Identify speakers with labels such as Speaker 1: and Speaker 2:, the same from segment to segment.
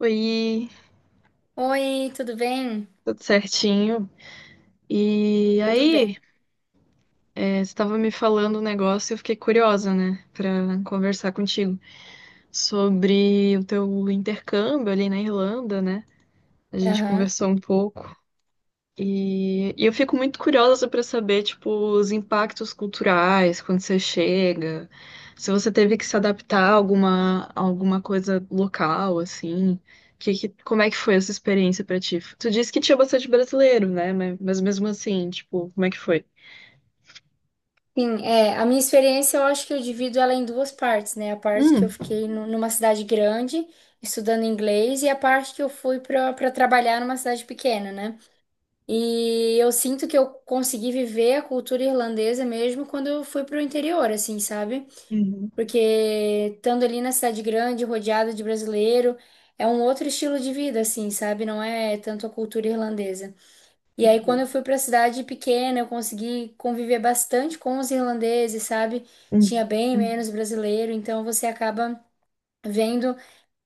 Speaker 1: Oi,
Speaker 2: Oi, tudo bem?
Speaker 1: tudo certinho. E
Speaker 2: Tudo bem.
Speaker 1: aí, você estava me falando um negócio e eu fiquei curiosa, né, para conversar contigo sobre o teu intercâmbio ali na Irlanda, né? A gente
Speaker 2: Aham.
Speaker 1: conversou um pouco. E eu fico muito curiosa para saber, tipo, os impactos culturais quando você chega, se você teve que se adaptar a alguma coisa local, assim, como é que foi essa experiência para ti? Tu disse que tinha bastante brasileiro, né? Mas mesmo assim, tipo, como é que foi?
Speaker 2: Sim, a minha experiência eu acho que eu divido ela em duas partes, né? A parte que eu
Speaker 1: Hum.
Speaker 2: fiquei numa cidade grande estudando inglês e a parte que eu fui para trabalhar numa cidade pequena, né? E eu sinto que eu consegui viver a cultura irlandesa mesmo quando eu fui para o interior, assim, sabe?
Speaker 1: Uhum.
Speaker 2: Porque estando ali na cidade grande, rodeada de brasileiro, é um outro estilo de vida, assim, sabe? Não é tanto a cultura irlandesa. E aí, quando eu
Speaker 1: Uhum.
Speaker 2: fui para a cidade pequena, eu consegui conviver bastante com os irlandeses, sabe? Tinha
Speaker 1: Uhum.
Speaker 2: bem menos brasileiro, então você acaba vendo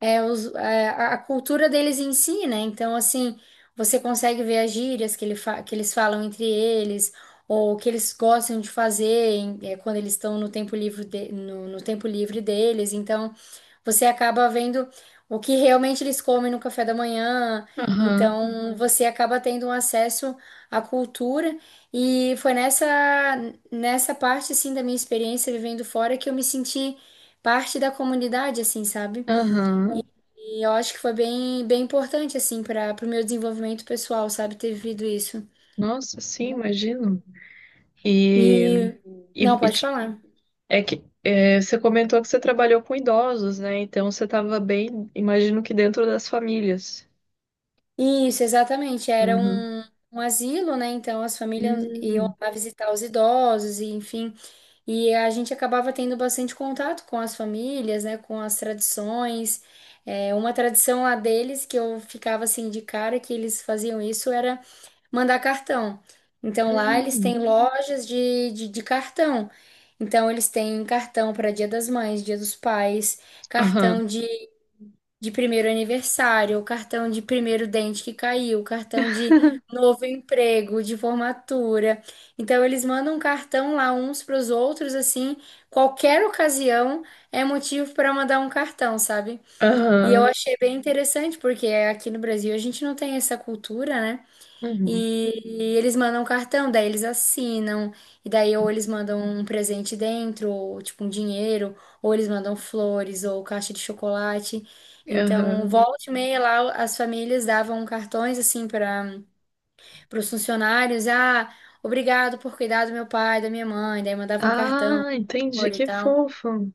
Speaker 2: a cultura deles em si, né? Então, assim, você consegue ver as gírias que, que eles falam entre eles, ou o que eles gostam de fazer quando eles estão no tempo livre no tempo livre deles. Então, você acaba vendo o que realmente eles comem no café da manhã,
Speaker 1: Aham,
Speaker 2: então Uhum. você acaba tendo um acesso à cultura. E foi nessa parte, assim, da minha experiência vivendo fora que eu me senti parte da comunidade, assim, sabe?
Speaker 1: aham.
Speaker 2: E eu acho que foi bem importante, assim, para o meu desenvolvimento pessoal, sabe? Ter vivido isso.
Speaker 1: Nossa, sim, imagino. E,
Speaker 2: E.
Speaker 1: e,
Speaker 2: Não, pode falar.
Speaker 1: É que você comentou que você trabalhou com idosos, né? Então você estava bem, imagino que dentro das famílias.
Speaker 2: Isso, exatamente.
Speaker 1: Uhum.
Speaker 2: Um asilo, né? Então as famílias iam
Speaker 1: Hum,
Speaker 2: lá visitar os idosos, e enfim. E a gente acabava tendo bastante contato com as famílias, né, com as tradições. É, uma tradição lá deles que eu ficava assim de cara que eles faziam isso era mandar cartão. Então lá eles
Speaker 1: hum.
Speaker 2: têm lojas de cartão. Então eles têm cartão para Dia das Mães, Dia dos Pais,
Speaker 1: Aham,
Speaker 2: cartão de primeiro aniversário, o cartão de primeiro dente que caiu, o cartão de novo emprego, de formatura. Então eles mandam um cartão lá uns para os outros assim, qualquer ocasião é motivo para mandar um cartão, sabe? E eu
Speaker 1: aham,
Speaker 2: achei bem interessante porque aqui no Brasil a gente não tem essa cultura, né?
Speaker 1: uhum,
Speaker 2: E eles mandam um cartão, daí eles assinam, e daí ou eles mandam um presente dentro, ou tipo um dinheiro, ou eles mandam flores, ou caixa de chocolate. Então,
Speaker 1: aham.
Speaker 2: volta e meia lá, as famílias davam cartões assim para os funcionários: ah, obrigado por cuidar do meu pai, da minha mãe, daí mandavam um cartão,
Speaker 1: Ah,
Speaker 2: um
Speaker 1: entendi,
Speaker 2: flor e
Speaker 1: que
Speaker 2: tal.
Speaker 1: fofo.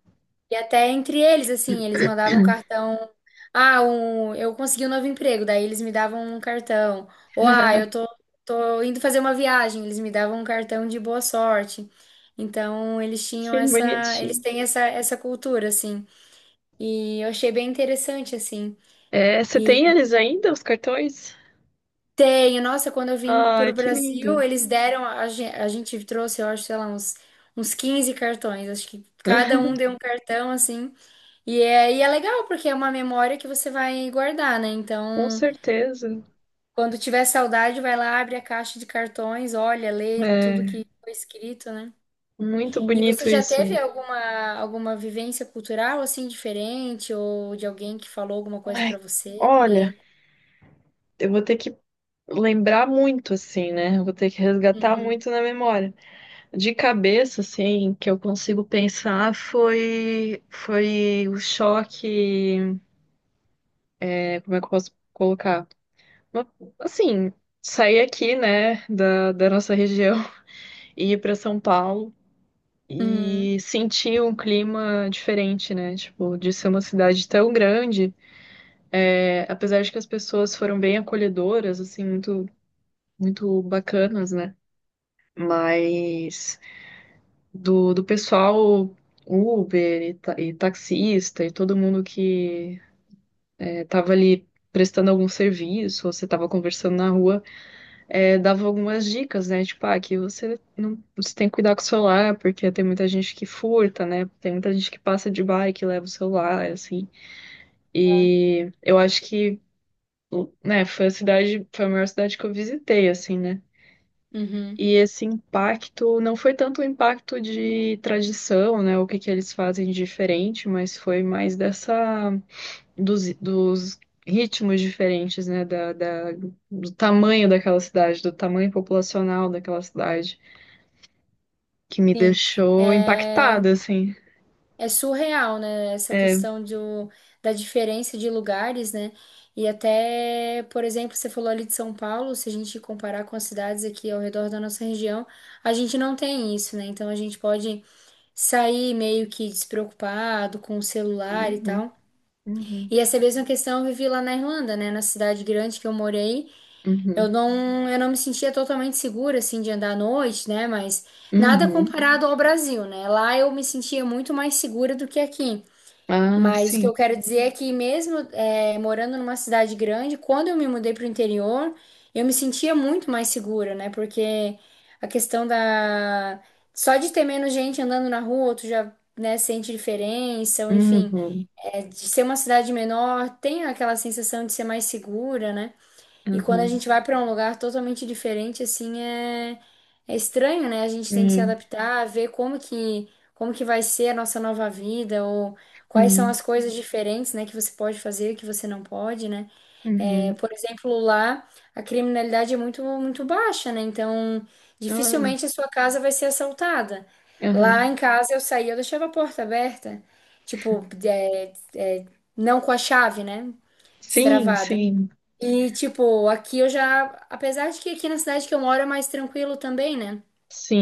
Speaker 2: E até entre eles, assim, eles mandavam cartão. Ah, um, eu consegui um novo emprego, daí eles me davam um cartão. Ou, ah, tô indo fazer uma viagem, eles me davam um cartão de boa sorte. Então,
Speaker 1: Que
Speaker 2: eles
Speaker 1: bonitinho.
Speaker 2: têm essa cultura, assim. E eu achei bem interessante, assim.
Speaker 1: É, você
Speaker 2: E
Speaker 1: tem eles ainda, os cartões?
Speaker 2: tenho, nossa, quando eu vim
Speaker 1: Ai,
Speaker 2: pro
Speaker 1: que
Speaker 2: Brasil,
Speaker 1: lindo.
Speaker 2: eles deram, a gente trouxe, eu acho, sei lá, uns 15 cartões. Acho que cada um deu um cartão, assim. E é legal, porque é uma memória que você vai guardar, né?
Speaker 1: Com
Speaker 2: Então,
Speaker 1: certeza.
Speaker 2: quando tiver saudade, vai lá, abre a caixa de cartões, olha, lê tudo
Speaker 1: É
Speaker 2: que foi escrito, né?
Speaker 1: muito
Speaker 2: E você
Speaker 1: bonito
Speaker 2: já teve
Speaker 1: isso.
Speaker 2: alguma vivência cultural, assim, diferente? Ou de alguém que falou alguma coisa
Speaker 1: Ai,
Speaker 2: pra você?
Speaker 1: olha, eu vou ter que lembrar muito, assim, né? Eu vou ter que resgatar
Speaker 2: Uhum.
Speaker 1: muito na memória. De cabeça, assim, que eu consigo pensar foi o choque. Como é que eu posso colocar? Uma- Assim, sair aqui, né, da nossa região e ir para São Paulo.
Speaker 2: Uhum.
Speaker 1: E sentir um clima diferente, né? Tipo, de ser uma cidade tão grande, apesar de que as pessoas foram bem acolhedoras, assim, muito, muito bacanas, né? Mas do pessoal Uber e, e taxista e todo mundo que tava ali prestando algum serviço, ou você tava conversando na rua, dava algumas dicas, né? Tipo, ah, que você não, você tem que cuidar com o celular, porque tem muita gente que furta, né? Tem muita gente que passa de bike e leva o celular, assim.
Speaker 2: Né?
Speaker 1: E eu acho que, né, foi a cidade, foi a maior cidade que eu visitei, assim, né?
Speaker 2: Uhum.
Speaker 1: E esse impacto não foi tanto um impacto de tradição, né? O que que eles fazem de diferente, mas foi mais dessa dos, ritmos diferentes, né? Do tamanho daquela cidade, do tamanho populacional daquela cidade, que me
Speaker 2: Sim.
Speaker 1: deixou
Speaker 2: É,
Speaker 1: impactada, assim.
Speaker 2: é surreal, né? Essa
Speaker 1: É.
Speaker 2: questão da diferença de lugares, né? E até, por exemplo, você falou ali de São Paulo, se a gente comparar com as cidades aqui ao redor da nossa região, a gente não tem isso, né? Então a gente pode sair meio que despreocupado com o celular e
Speaker 1: Uhum,
Speaker 2: tal.
Speaker 1: uhum,
Speaker 2: E essa mesma questão eu vivi lá na Irlanda, né? Na cidade grande que eu morei,
Speaker 1: uhum,
Speaker 2: eu não me sentia totalmente segura, assim, de andar à noite, né? Mas nada
Speaker 1: uhum.
Speaker 2: comparado ao Brasil, né? Lá eu me sentia muito mais segura do que aqui.
Speaker 1: Ah,
Speaker 2: Mas o que
Speaker 1: sim.
Speaker 2: eu quero dizer é que mesmo morando numa cidade grande, quando eu me mudei para o interior, eu me sentia muito mais segura, né? Porque a questão da... Só de ter menos gente andando na rua, tu já, né, sente diferença, ou enfim,
Speaker 1: Uhum,
Speaker 2: de ser uma cidade menor, tem aquela sensação de ser mais segura, né? E quando a
Speaker 1: uhum,
Speaker 2: gente vai para um lugar totalmente diferente, é estranho, né? A gente tem que se
Speaker 1: uhum,
Speaker 2: adaptar, como que vai ser a nossa nova vida, ou quais são
Speaker 1: uhum,
Speaker 2: as coisas diferentes, né, que você pode fazer, que você não pode, né? É, por exemplo, lá a criminalidade é muito baixa, né? Então,
Speaker 1: uhum,
Speaker 2: dificilmente a sua casa vai ser assaltada. Lá
Speaker 1: uhum.
Speaker 2: em casa eu saía, eu deixava a porta aberta, tipo, é, é, não com a chave, né?
Speaker 1: Sim,
Speaker 2: Destravada.
Speaker 1: sim.
Speaker 2: E, tipo, aqui eu já. Apesar de que aqui na cidade que eu moro é mais tranquilo também, né?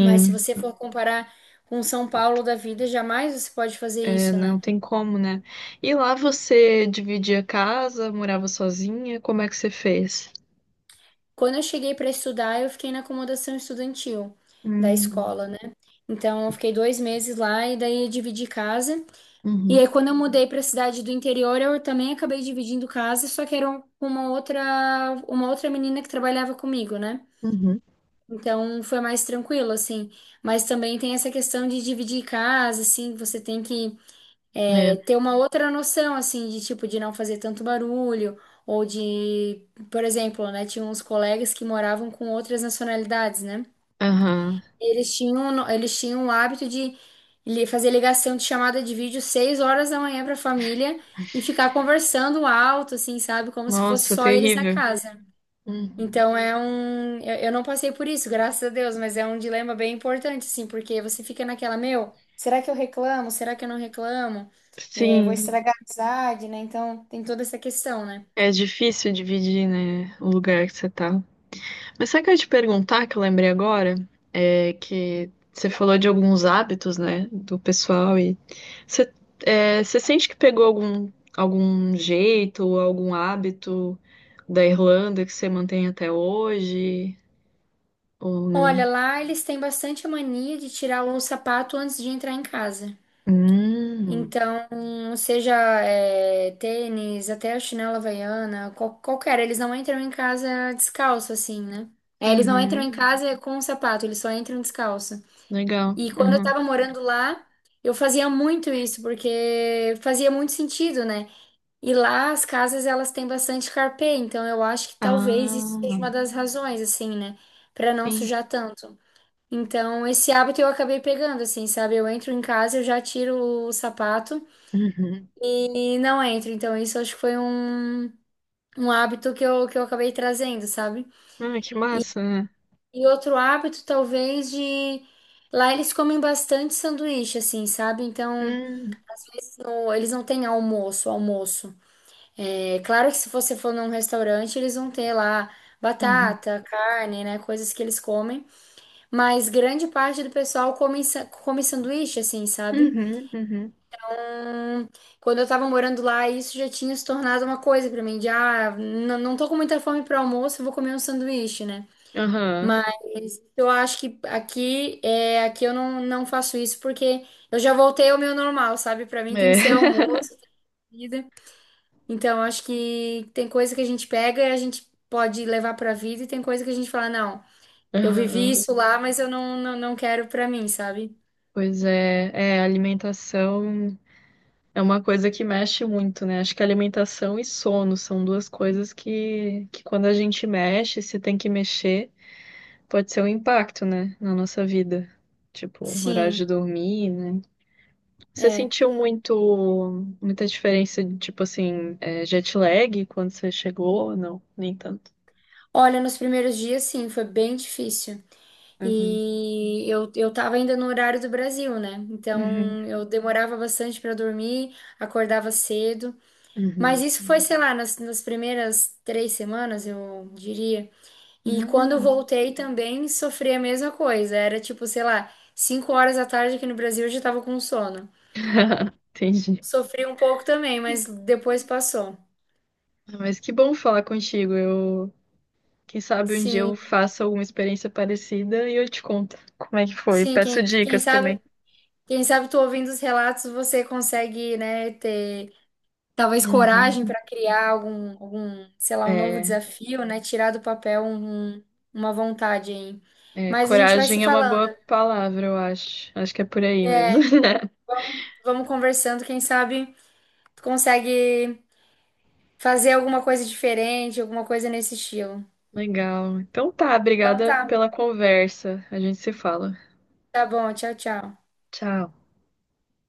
Speaker 2: Mas se você for comparar com São Paulo da vida, jamais você pode fazer
Speaker 1: é,
Speaker 2: isso,
Speaker 1: não
Speaker 2: né?
Speaker 1: tem como, né? E lá você dividia casa, morava sozinha? Como é que você fez?
Speaker 2: Quando eu cheguei para estudar, eu fiquei na acomodação estudantil da
Speaker 1: Hum,
Speaker 2: escola, né? Então, eu fiquei 2 meses lá e daí eu dividi casa. E aí,
Speaker 1: uhum,
Speaker 2: quando eu mudei para a cidade do interior, eu também acabei dividindo casa, só que com uma outra menina que trabalhava comigo, né?
Speaker 1: uhum.
Speaker 2: Então foi mais tranquilo, assim. Mas também tem essa questão de dividir casa, assim, você tem que
Speaker 1: É,
Speaker 2: ter uma outra noção, assim, de tipo, de não fazer tanto barulho, ou de, por exemplo, né, tinha uns colegas que moravam com outras nacionalidades, né?
Speaker 1: aham.
Speaker 2: Eles tinham, no- eles tinham o hábito de fazer ligação de chamada de vídeo 6 horas da manhã para a família e ficar conversando alto, assim, sabe? Como se fosse
Speaker 1: Nossa,
Speaker 2: só eles na
Speaker 1: terrível.
Speaker 2: casa.
Speaker 1: Uhum.
Speaker 2: Então é um. Eu não passei por isso, graças a Deus, mas é um dilema bem importante, assim, porque você fica naquela, meu, será que eu reclamo? Será que eu não reclamo? É, vou
Speaker 1: Sim,
Speaker 2: estragar a amizade, né? Então tem toda essa questão, né?
Speaker 1: é difícil dividir, né, o lugar que você tá. Mas sabe o que eu ia te perguntar, que eu lembrei agora? É que você falou de alguns hábitos, né, do pessoal e você, você sente que pegou algum jeito ou algum hábito da Irlanda que você mantém até hoje ou
Speaker 2: Olha,
Speaker 1: não?
Speaker 2: lá eles têm bastante mania de tirar o sapato antes de entrar em casa.
Speaker 1: Hum,
Speaker 2: Então, seja tênis, até a chinela havaiana, qualquer, eles não entram em casa descalço, assim, né? É, eles não entram em
Speaker 1: uhum,
Speaker 2: casa com o sapato, eles só entram descalço.
Speaker 1: legal.
Speaker 2: E quando eu
Speaker 1: Uhum.
Speaker 2: tava morando lá, eu fazia muito isso, porque fazia muito sentido, né? E lá as casas elas têm bastante carpê, então eu acho que talvez isso seja uma
Speaker 1: Ah,
Speaker 2: das razões, assim, né? Pra não
Speaker 1: sim.
Speaker 2: sujar tanto. Então, esse hábito eu acabei pegando, assim, sabe? Eu entro em casa, eu já tiro o sapato
Speaker 1: Uhum.
Speaker 2: e não entro. Então, isso acho que foi um hábito que que eu acabei trazendo, sabe?
Speaker 1: Ah, que
Speaker 2: E,
Speaker 1: massa, né?
Speaker 2: e outro hábito, talvez, de. Lá eles comem bastante sanduíche, assim, sabe? Então,
Speaker 1: Hum,
Speaker 2: não, eles não têm almoço. É claro que se você for num restaurante, eles vão ter lá
Speaker 1: uhum,
Speaker 2: batata, carne, né? Coisas que eles comem. Mas grande parte do pessoal come, come sanduíche, assim, sabe?
Speaker 1: uhum, uhum.
Speaker 2: Quando eu tava morando lá, isso já tinha se tornado uma coisa pra mim, de ah, não tô com muita fome pro almoço, eu vou comer um sanduíche, né?
Speaker 1: Aham,
Speaker 2: Mas eu acho que aqui, aqui eu não, não faço isso porque eu já voltei ao meu normal, sabe? Pra mim tem
Speaker 1: é.
Speaker 2: que ser almoço, comida. Então, acho que tem coisa que a gente pega e a gente pode levar pra vida, e tem coisa que a gente fala, não, eu vivi
Speaker 1: Aham.
Speaker 2: isso lá, mas eu não, não, não quero pra mim, sabe?
Speaker 1: Pois é, alimentação é uma coisa que mexe muito, né? Acho que alimentação e sono são duas coisas que quando a gente mexe, se tem que mexer, pode ser um impacto, né, na nossa vida. Tipo, horário de
Speaker 2: Sim,
Speaker 1: dormir, né? Você
Speaker 2: é.
Speaker 1: sentiu muito, muita diferença de, tipo assim, jet lag quando você chegou? Ou não, nem tanto.
Speaker 2: Olha, nos primeiros dias, sim, foi bem difícil.
Speaker 1: Uhum.
Speaker 2: Eu tava ainda no horário do Brasil, né?
Speaker 1: Uhum.
Speaker 2: Então eu demorava bastante pra dormir, acordava cedo. Mas
Speaker 1: Uhum.
Speaker 2: isso foi, sei lá, nas primeiras 3 semanas, eu diria. E quando eu
Speaker 1: Hum.
Speaker 2: voltei também sofri a mesma coisa. Era tipo, sei lá, 5 horas da tarde aqui no Brasil eu já tava com sono.
Speaker 1: Entendi.
Speaker 2: Sofri um pouco também, mas depois passou.
Speaker 1: Ah, mas que bom falar contigo. Eu Quem sabe um dia
Speaker 2: Sim,
Speaker 1: eu faça alguma experiência parecida e eu te conto como é que foi.
Speaker 2: sim,
Speaker 1: Peço dicas também.
Speaker 2: quem sabe tu ouvindo os relatos, você consegue, né, ter talvez
Speaker 1: Uhum.
Speaker 2: coragem para criar algum, sei lá, um novo
Speaker 1: É,
Speaker 2: desafio, né, tirar do papel uma vontade aí. Mas a gente vai se
Speaker 1: coragem é uma
Speaker 2: falando,
Speaker 1: boa palavra, eu acho. Acho que é por aí mesmo.
Speaker 2: vamos conversando, quem sabe tu consegue fazer alguma coisa diferente, alguma coisa nesse estilo.
Speaker 1: Legal. Então tá,
Speaker 2: Então
Speaker 1: obrigada
Speaker 2: tá,
Speaker 1: pela conversa. A gente se fala.
Speaker 2: tá bom, tchau, tchau.
Speaker 1: Tchau.